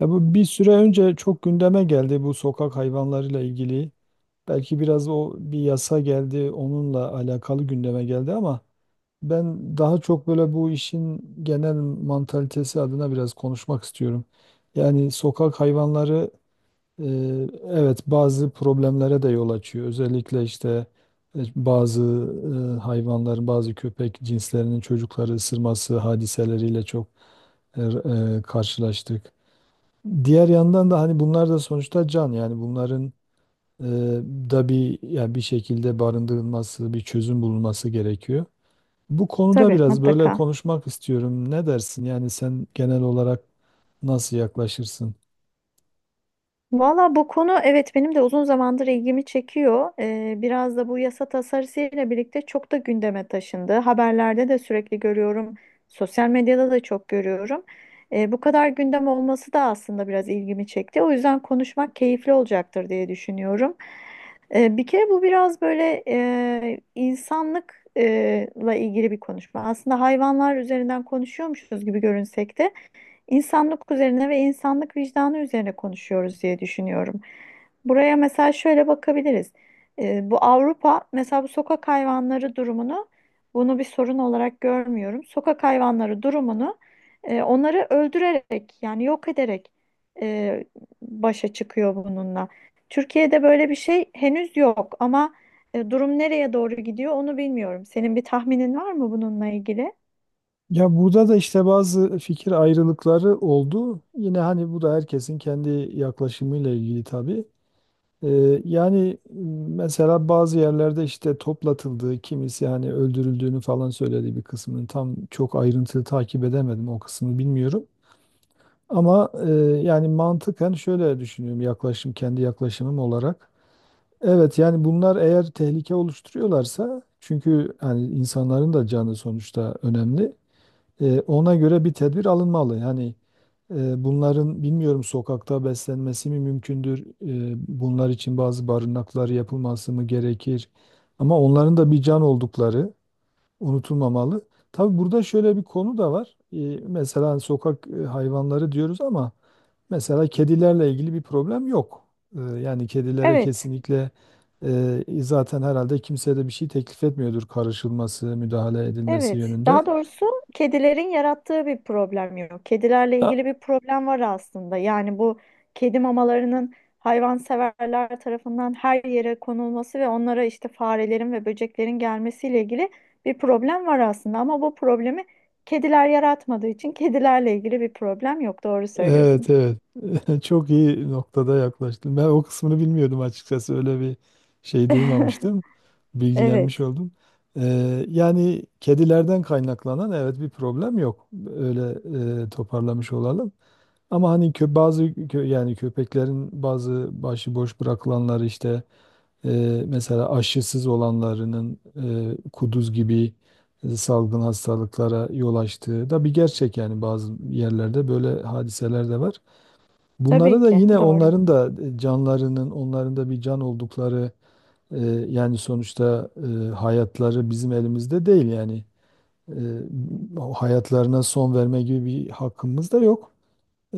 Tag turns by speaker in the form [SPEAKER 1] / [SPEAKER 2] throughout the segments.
[SPEAKER 1] Ya bu bir süre önce çok gündeme geldi bu sokak hayvanlarıyla ilgili. Belki biraz o bir yasa geldi, onunla alakalı gündeme geldi ama ben daha çok böyle bu işin genel mantalitesi adına biraz konuşmak istiyorum. Yani sokak hayvanları e, evet bazı problemlere de yol açıyor. Özellikle işte bazı hayvanların, bazı köpek cinslerinin çocukları ısırması hadiseleriyle çok e, karşılaştık. Diğer yandan da hani bunlar da sonuçta can, yani bunların e, da bir, yani bir şekilde barındırılması, bir çözüm bulunması gerekiyor. Bu konuda
[SPEAKER 2] Tabii,
[SPEAKER 1] biraz böyle
[SPEAKER 2] mutlaka.
[SPEAKER 1] konuşmak istiyorum. Ne dersin? Yani sen genel olarak nasıl yaklaşırsın?
[SPEAKER 2] Valla bu konu, evet, benim de uzun zamandır ilgimi çekiyor. Biraz da bu yasa tasarısıyla birlikte çok da gündeme taşındı. Haberlerde de sürekli görüyorum. Sosyal medyada da çok görüyorum. Bu kadar gündem olması da aslında biraz ilgimi çekti. O yüzden konuşmak keyifli olacaktır diye düşünüyorum. Bir kere bu biraz böyle insanlıkla ilgili bir konuşma. Aslında hayvanlar üzerinden konuşuyormuşuz gibi görünsek de. İnsanlık üzerine ve insanlık vicdanı üzerine konuşuyoruz diye düşünüyorum. Buraya mesela şöyle bakabiliriz. Bu Avrupa mesela bu sokak hayvanları durumunu, bunu bir sorun olarak görmüyorum. Sokak hayvanları durumunu onları öldürerek, yani yok ederek, e, başa çıkıyor bununla. Türkiye'de böyle bir şey henüz yok ama durum nereye doğru gidiyor onu bilmiyorum. Senin bir tahminin var mı bununla ilgili?
[SPEAKER 1] Ya burada da işte bazı fikir ayrılıkları oldu. Yine hani bu da herkesin kendi yaklaşımıyla ilgili tabii. Yani mesela bazı yerlerde işte toplatıldığı, kimisi hani öldürüldüğünü falan söyledi bir kısmının. Tam çok ayrıntılı takip edemedim, o kısmını bilmiyorum. Ama yani mantıken şöyle düşünüyorum, yaklaşım kendi yaklaşımım olarak. Evet yani bunlar eğer tehlike oluşturuyorlarsa, çünkü hani insanların da canı sonuçta önemli. Ona göre bir tedbir alınmalı. Yani bunların bilmiyorum, sokakta beslenmesi mi mümkündür? Bunlar için bazı barınaklar yapılması mı gerekir? Ama onların da bir can oldukları unutulmamalı. Tabii burada şöyle bir konu da var. Mesela sokak hayvanları diyoruz ama mesela kedilerle ilgili bir problem yok. Yani kedilere
[SPEAKER 2] Evet.
[SPEAKER 1] kesinlikle zaten herhalde kimse de bir şey teklif etmiyordur karışılması, müdahale edilmesi
[SPEAKER 2] Evet,
[SPEAKER 1] yönünde.
[SPEAKER 2] daha doğrusu kedilerin yarattığı bir problem yok. Kedilerle ilgili bir problem var aslında. Yani bu kedi mamalarının hayvanseverler tarafından her yere konulması ve onlara işte farelerin ve böceklerin gelmesiyle ilgili bir problem var aslında. Ama bu problemi kediler yaratmadığı için kedilerle ilgili bir problem yok. Doğru
[SPEAKER 1] Evet,
[SPEAKER 2] söylüyorsun.
[SPEAKER 1] evet. Çok iyi noktada yaklaştın. Ben o kısmını bilmiyordum açıkçası. Öyle bir şey duymamıştım. Bilgilenmiş
[SPEAKER 2] Evet,
[SPEAKER 1] oldum. Yani kedilerden kaynaklanan, evet, bir problem yok. Öyle toparlamış olalım. Ama hani kö, yani köpeklerin bazı başıboş bırakılanları, işte e, mesela aşısız olanlarının kuduz gibi salgın hastalıklara yol açtığı da bir gerçek, yani bazı yerlerde böyle hadiseler de var. Bunları
[SPEAKER 2] tabii
[SPEAKER 1] da
[SPEAKER 2] ki
[SPEAKER 1] yine,
[SPEAKER 2] doğru.
[SPEAKER 1] onların da canlarının, onların da bir can oldukları, yani sonuçta hayatları bizim elimizde değil yani. E, o hayatlarına son verme gibi bir hakkımız da yok.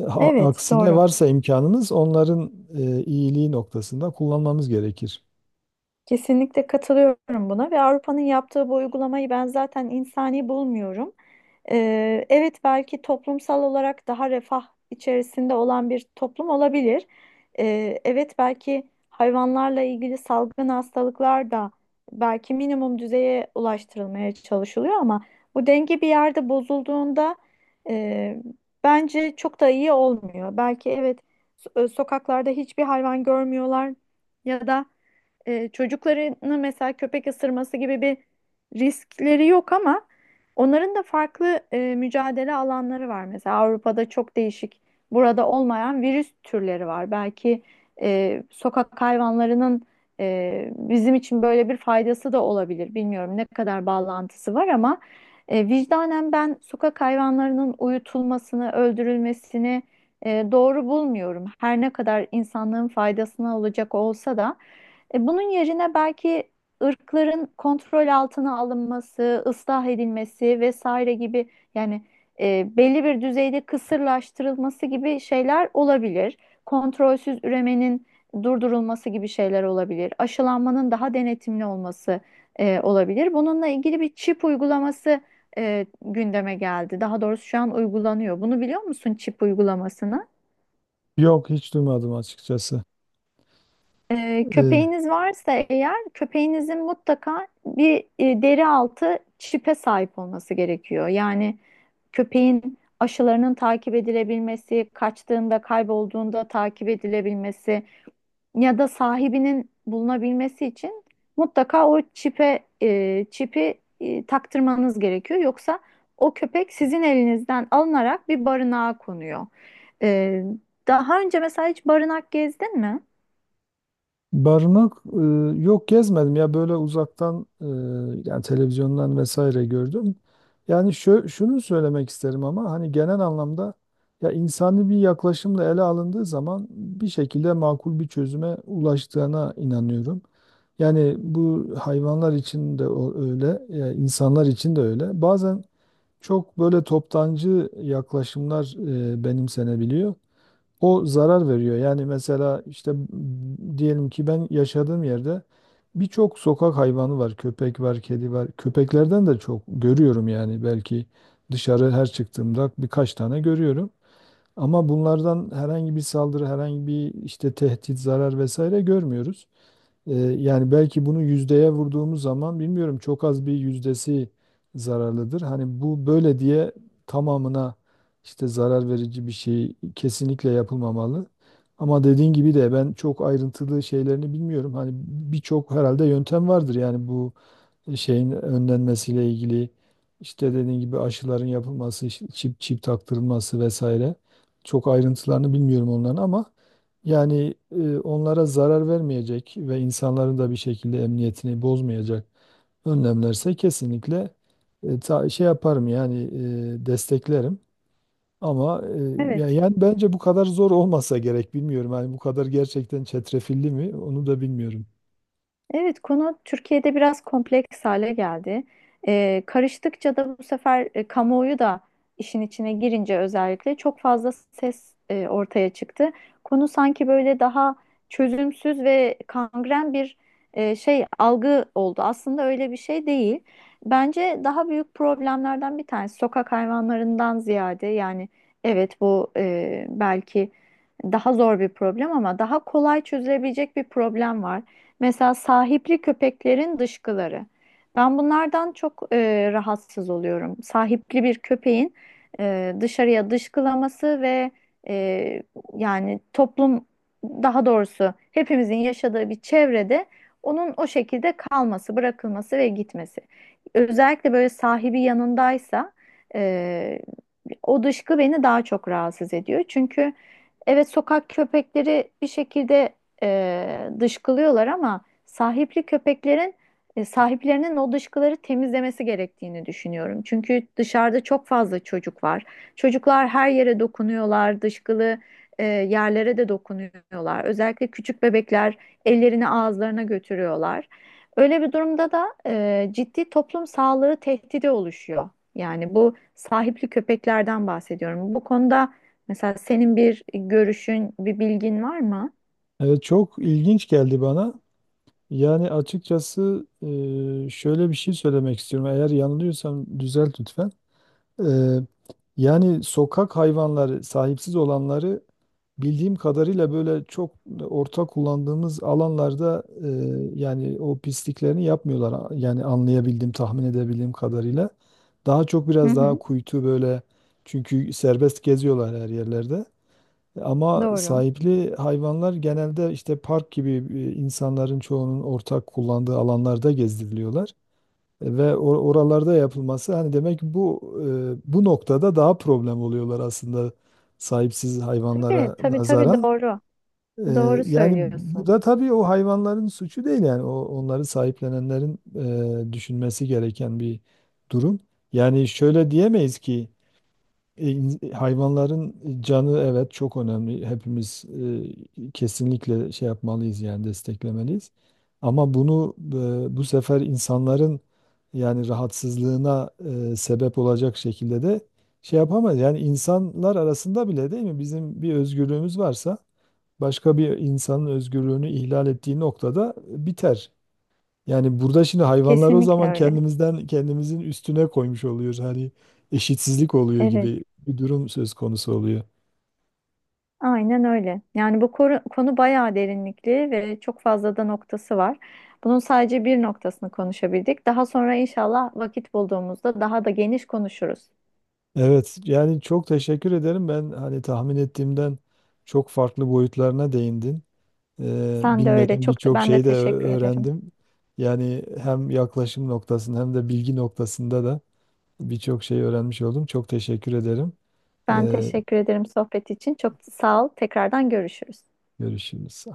[SPEAKER 2] Evet,
[SPEAKER 1] Aksine
[SPEAKER 2] doğru.
[SPEAKER 1] varsa imkanımız, onların iyiliği noktasında kullanmamız gerekir.
[SPEAKER 2] Kesinlikle katılıyorum buna ve Avrupa'nın yaptığı bu uygulamayı ben zaten insani bulmuyorum. Evet, belki toplumsal olarak daha refah içerisinde olan bir toplum olabilir. Evet, belki hayvanlarla ilgili salgın hastalıklar da belki minimum düzeye ulaştırılmaya çalışılıyor ama bu denge bir yerde bozulduğunda e, bence çok da iyi olmuyor. Belki evet sokaklarda hiçbir hayvan görmüyorlar ya da çocuklarını mesela köpek ısırması gibi bir riskleri yok ama onların da farklı mücadele alanları var. Mesela Avrupa'da çok değişik, burada olmayan virüs türleri var. Belki sokak hayvanlarının bizim için böyle bir faydası da olabilir. Bilmiyorum ne kadar bağlantısı var ama vicdanen ben sokak hayvanlarının uyutulmasını, öldürülmesini doğru bulmuyorum. Her ne kadar insanlığın faydasına olacak olsa da. Bunun yerine belki ırkların kontrol altına alınması, ıslah edilmesi vesaire gibi, yani belli bir düzeyde kısırlaştırılması gibi şeyler olabilir. Kontrolsüz üremenin durdurulması gibi şeyler olabilir. Aşılanmanın daha denetimli olması olabilir. Bununla ilgili bir çip uygulaması gündeme geldi. Daha doğrusu şu an uygulanıyor. Bunu biliyor musun, çip uygulamasını?
[SPEAKER 1] Yok, hiç duymadım açıkçası. E,
[SPEAKER 2] Köpeğiniz varsa, eğer köpeğinizin mutlaka bir deri altı çipe sahip olması gerekiyor. Yani köpeğin aşılarının takip edilebilmesi, kaçtığında, kaybolduğunda takip edilebilmesi ya da sahibinin bulunabilmesi için mutlaka o çipe çipi taktırmanız gerekiyor. Yoksa o köpek sizin elinizden alınarak bir barınağa konuyor. Ee, Daha önce mesela hiç barınak gezdin mi?
[SPEAKER 1] Barınak, yok gezmedim ya, böyle uzaktan yani televizyondan vesaire gördüm. Yani şunu söylemek isterim, ama hani genel anlamda ya insani bir yaklaşımla ele alındığı zaman bir şekilde makul bir çözüme ulaştığına inanıyorum. Yani bu hayvanlar için de öyle, insanlar için de öyle. Bazen çok böyle toptancı yaklaşımlar benimsenebiliyor, o zarar veriyor. Yani mesela işte diyelim ki ben yaşadığım yerde birçok sokak hayvanı var. Köpek var, kedi var. Köpeklerden de çok görüyorum yani, belki dışarı her çıktığımda birkaç tane görüyorum. Ama bunlardan herhangi bir saldırı, herhangi bir işte tehdit, zarar vesaire görmüyoruz. Ee, yani belki bunu yüzdeye vurduğumuz zaman, bilmiyorum, çok az bir yüzdesi zararlıdır. Hani bu böyle diye tamamına işte zarar verici bir şey kesinlikle yapılmamalı. Ama dediğin gibi de ben çok ayrıntılı şeylerini bilmiyorum. Hani birçok herhalde yöntem vardır, yani bu şeyin önlenmesiyle ilgili, işte dediğin gibi aşıların yapılması, işte çip taktırılması vesaire. Çok ayrıntılarını bilmiyorum onların, ama yani onlara zarar vermeyecek ve insanların da bir şekilde emniyetini bozmayacak önlemlerse kesinlikle şey yaparım yani, desteklerim. Ama
[SPEAKER 2] Evet.
[SPEAKER 1] yani bence bu kadar zor olmasa gerek, bilmiyorum. Yani bu kadar gerçekten çetrefilli mi, onu da bilmiyorum.
[SPEAKER 2] Evet, konu Türkiye'de biraz kompleks hale geldi. Karıştıkça da bu sefer kamuoyu da işin içine girince özellikle çok fazla ses ortaya çıktı. Konu sanki böyle daha çözümsüz ve kangren bir şey algı oldu. Aslında öyle bir şey değil. Bence daha büyük problemlerden bir tanesi sokak hayvanlarından ziyade, yani evet bu belki daha zor bir problem ama daha kolay çözülebilecek bir problem var. Mesela sahipli köpeklerin dışkıları. Ben bunlardan çok rahatsız oluyorum. Sahipli bir köpeğin dışarıya dışkılaması ve e, yani toplum, daha doğrusu hepimizin yaşadığı bir çevrede onun o şekilde kalması, bırakılması ve gitmesi. Özellikle böyle sahibi yanındaysa e, o dışkı beni daha çok rahatsız ediyor. Çünkü evet sokak köpekleri bir şekilde dışkılıyorlar ama sahipli köpeklerin sahiplerinin o dışkıları temizlemesi gerektiğini düşünüyorum. Çünkü dışarıda çok fazla çocuk var. Çocuklar her yere dokunuyorlar, dışkılı yerlere de dokunuyorlar. Özellikle küçük bebekler ellerini ağızlarına götürüyorlar. Öyle bir durumda da ciddi toplum sağlığı tehdidi oluşuyor. Yani bu sahipli köpeklerden bahsediyorum. Bu konuda mesela senin bir görüşün, bir bilgin var mı?
[SPEAKER 1] Evet, çok ilginç geldi bana. Yani açıkçası şöyle bir şey söylemek istiyorum. Eğer yanılıyorsam düzelt lütfen. E, yani sokak hayvanları, sahipsiz olanları bildiğim kadarıyla böyle çok ortak kullandığımız alanlarda yani o pisliklerini yapmıyorlar. Yani anlayabildiğim, tahmin edebildiğim kadarıyla. Daha çok
[SPEAKER 2] Hı
[SPEAKER 1] biraz daha
[SPEAKER 2] hı.
[SPEAKER 1] kuytu böyle, çünkü serbest geziyorlar her yerlerde. Ama
[SPEAKER 2] Doğru.
[SPEAKER 1] sahipli hayvanlar genelde işte park gibi insanların çoğunun ortak kullandığı alanlarda gezdiriliyorlar. Oralarda yapılması, hani demek ki bu bu noktada daha problem oluyorlar aslında sahipsiz
[SPEAKER 2] Tabii,
[SPEAKER 1] hayvanlara
[SPEAKER 2] tabii, tabii
[SPEAKER 1] nazaran.
[SPEAKER 2] doğru.
[SPEAKER 1] E,
[SPEAKER 2] Doğru
[SPEAKER 1] Yani bu
[SPEAKER 2] söylüyorsun.
[SPEAKER 1] da tabii o hayvanların suçu değil, yani o onları sahiplenenlerin düşünmesi gereken bir durum. Yani şöyle diyemeyiz ki hayvanların canı, evet, çok önemli. Hepimiz kesinlikle şey yapmalıyız yani, desteklemeliyiz. Ama bunu bu sefer insanların yani rahatsızlığına sebep olacak şekilde de şey yapamayız. Yani insanlar arasında bile, değil mi, bizim bir özgürlüğümüz varsa başka bir insanın özgürlüğünü ihlal ettiği noktada biter. Yani burada şimdi hayvanlar o
[SPEAKER 2] Kesinlikle
[SPEAKER 1] zaman,
[SPEAKER 2] öyle.
[SPEAKER 1] kendimizden kendimizin üstüne koymuş oluyoruz. Hani eşitsizlik oluyor
[SPEAKER 2] Evet,
[SPEAKER 1] gibi bir durum söz konusu oluyor.
[SPEAKER 2] aynen öyle. Yani bu konu bayağı derinlikli ve çok fazla da noktası var. Bunun sadece bir noktasını konuşabildik. Daha sonra inşallah vakit bulduğumuzda daha da geniş konuşuruz.
[SPEAKER 1] Evet, yani çok teşekkür ederim. Ben hani tahmin ettiğimden çok farklı boyutlarına değindin.
[SPEAKER 2] Sen de öyle,
[SPEAKER 1] Bilmediğim
[SPEAKER 2] çok
[SPEAKER 1] birçok
[SPEAKER 2] ben de
[SPEAKER 1] şeyi de
[SPEAKER 2] teşekkür ederim.
[SPEAKER 1] öğrendim. Yani hem yaklaşım noktasında, hem de bilgi noktasında da birçok şey öğrenmiş oldum. Çok teşekkür ederim.
[SPEAKER 2] Ben
[SPEAKER 1] Ee,
[SPEAKER 2] teşekkür ederim sohbet için. Çok sağ ol. Tekrardan görüşürüz.
[SPEAKER 1] görüşürüz.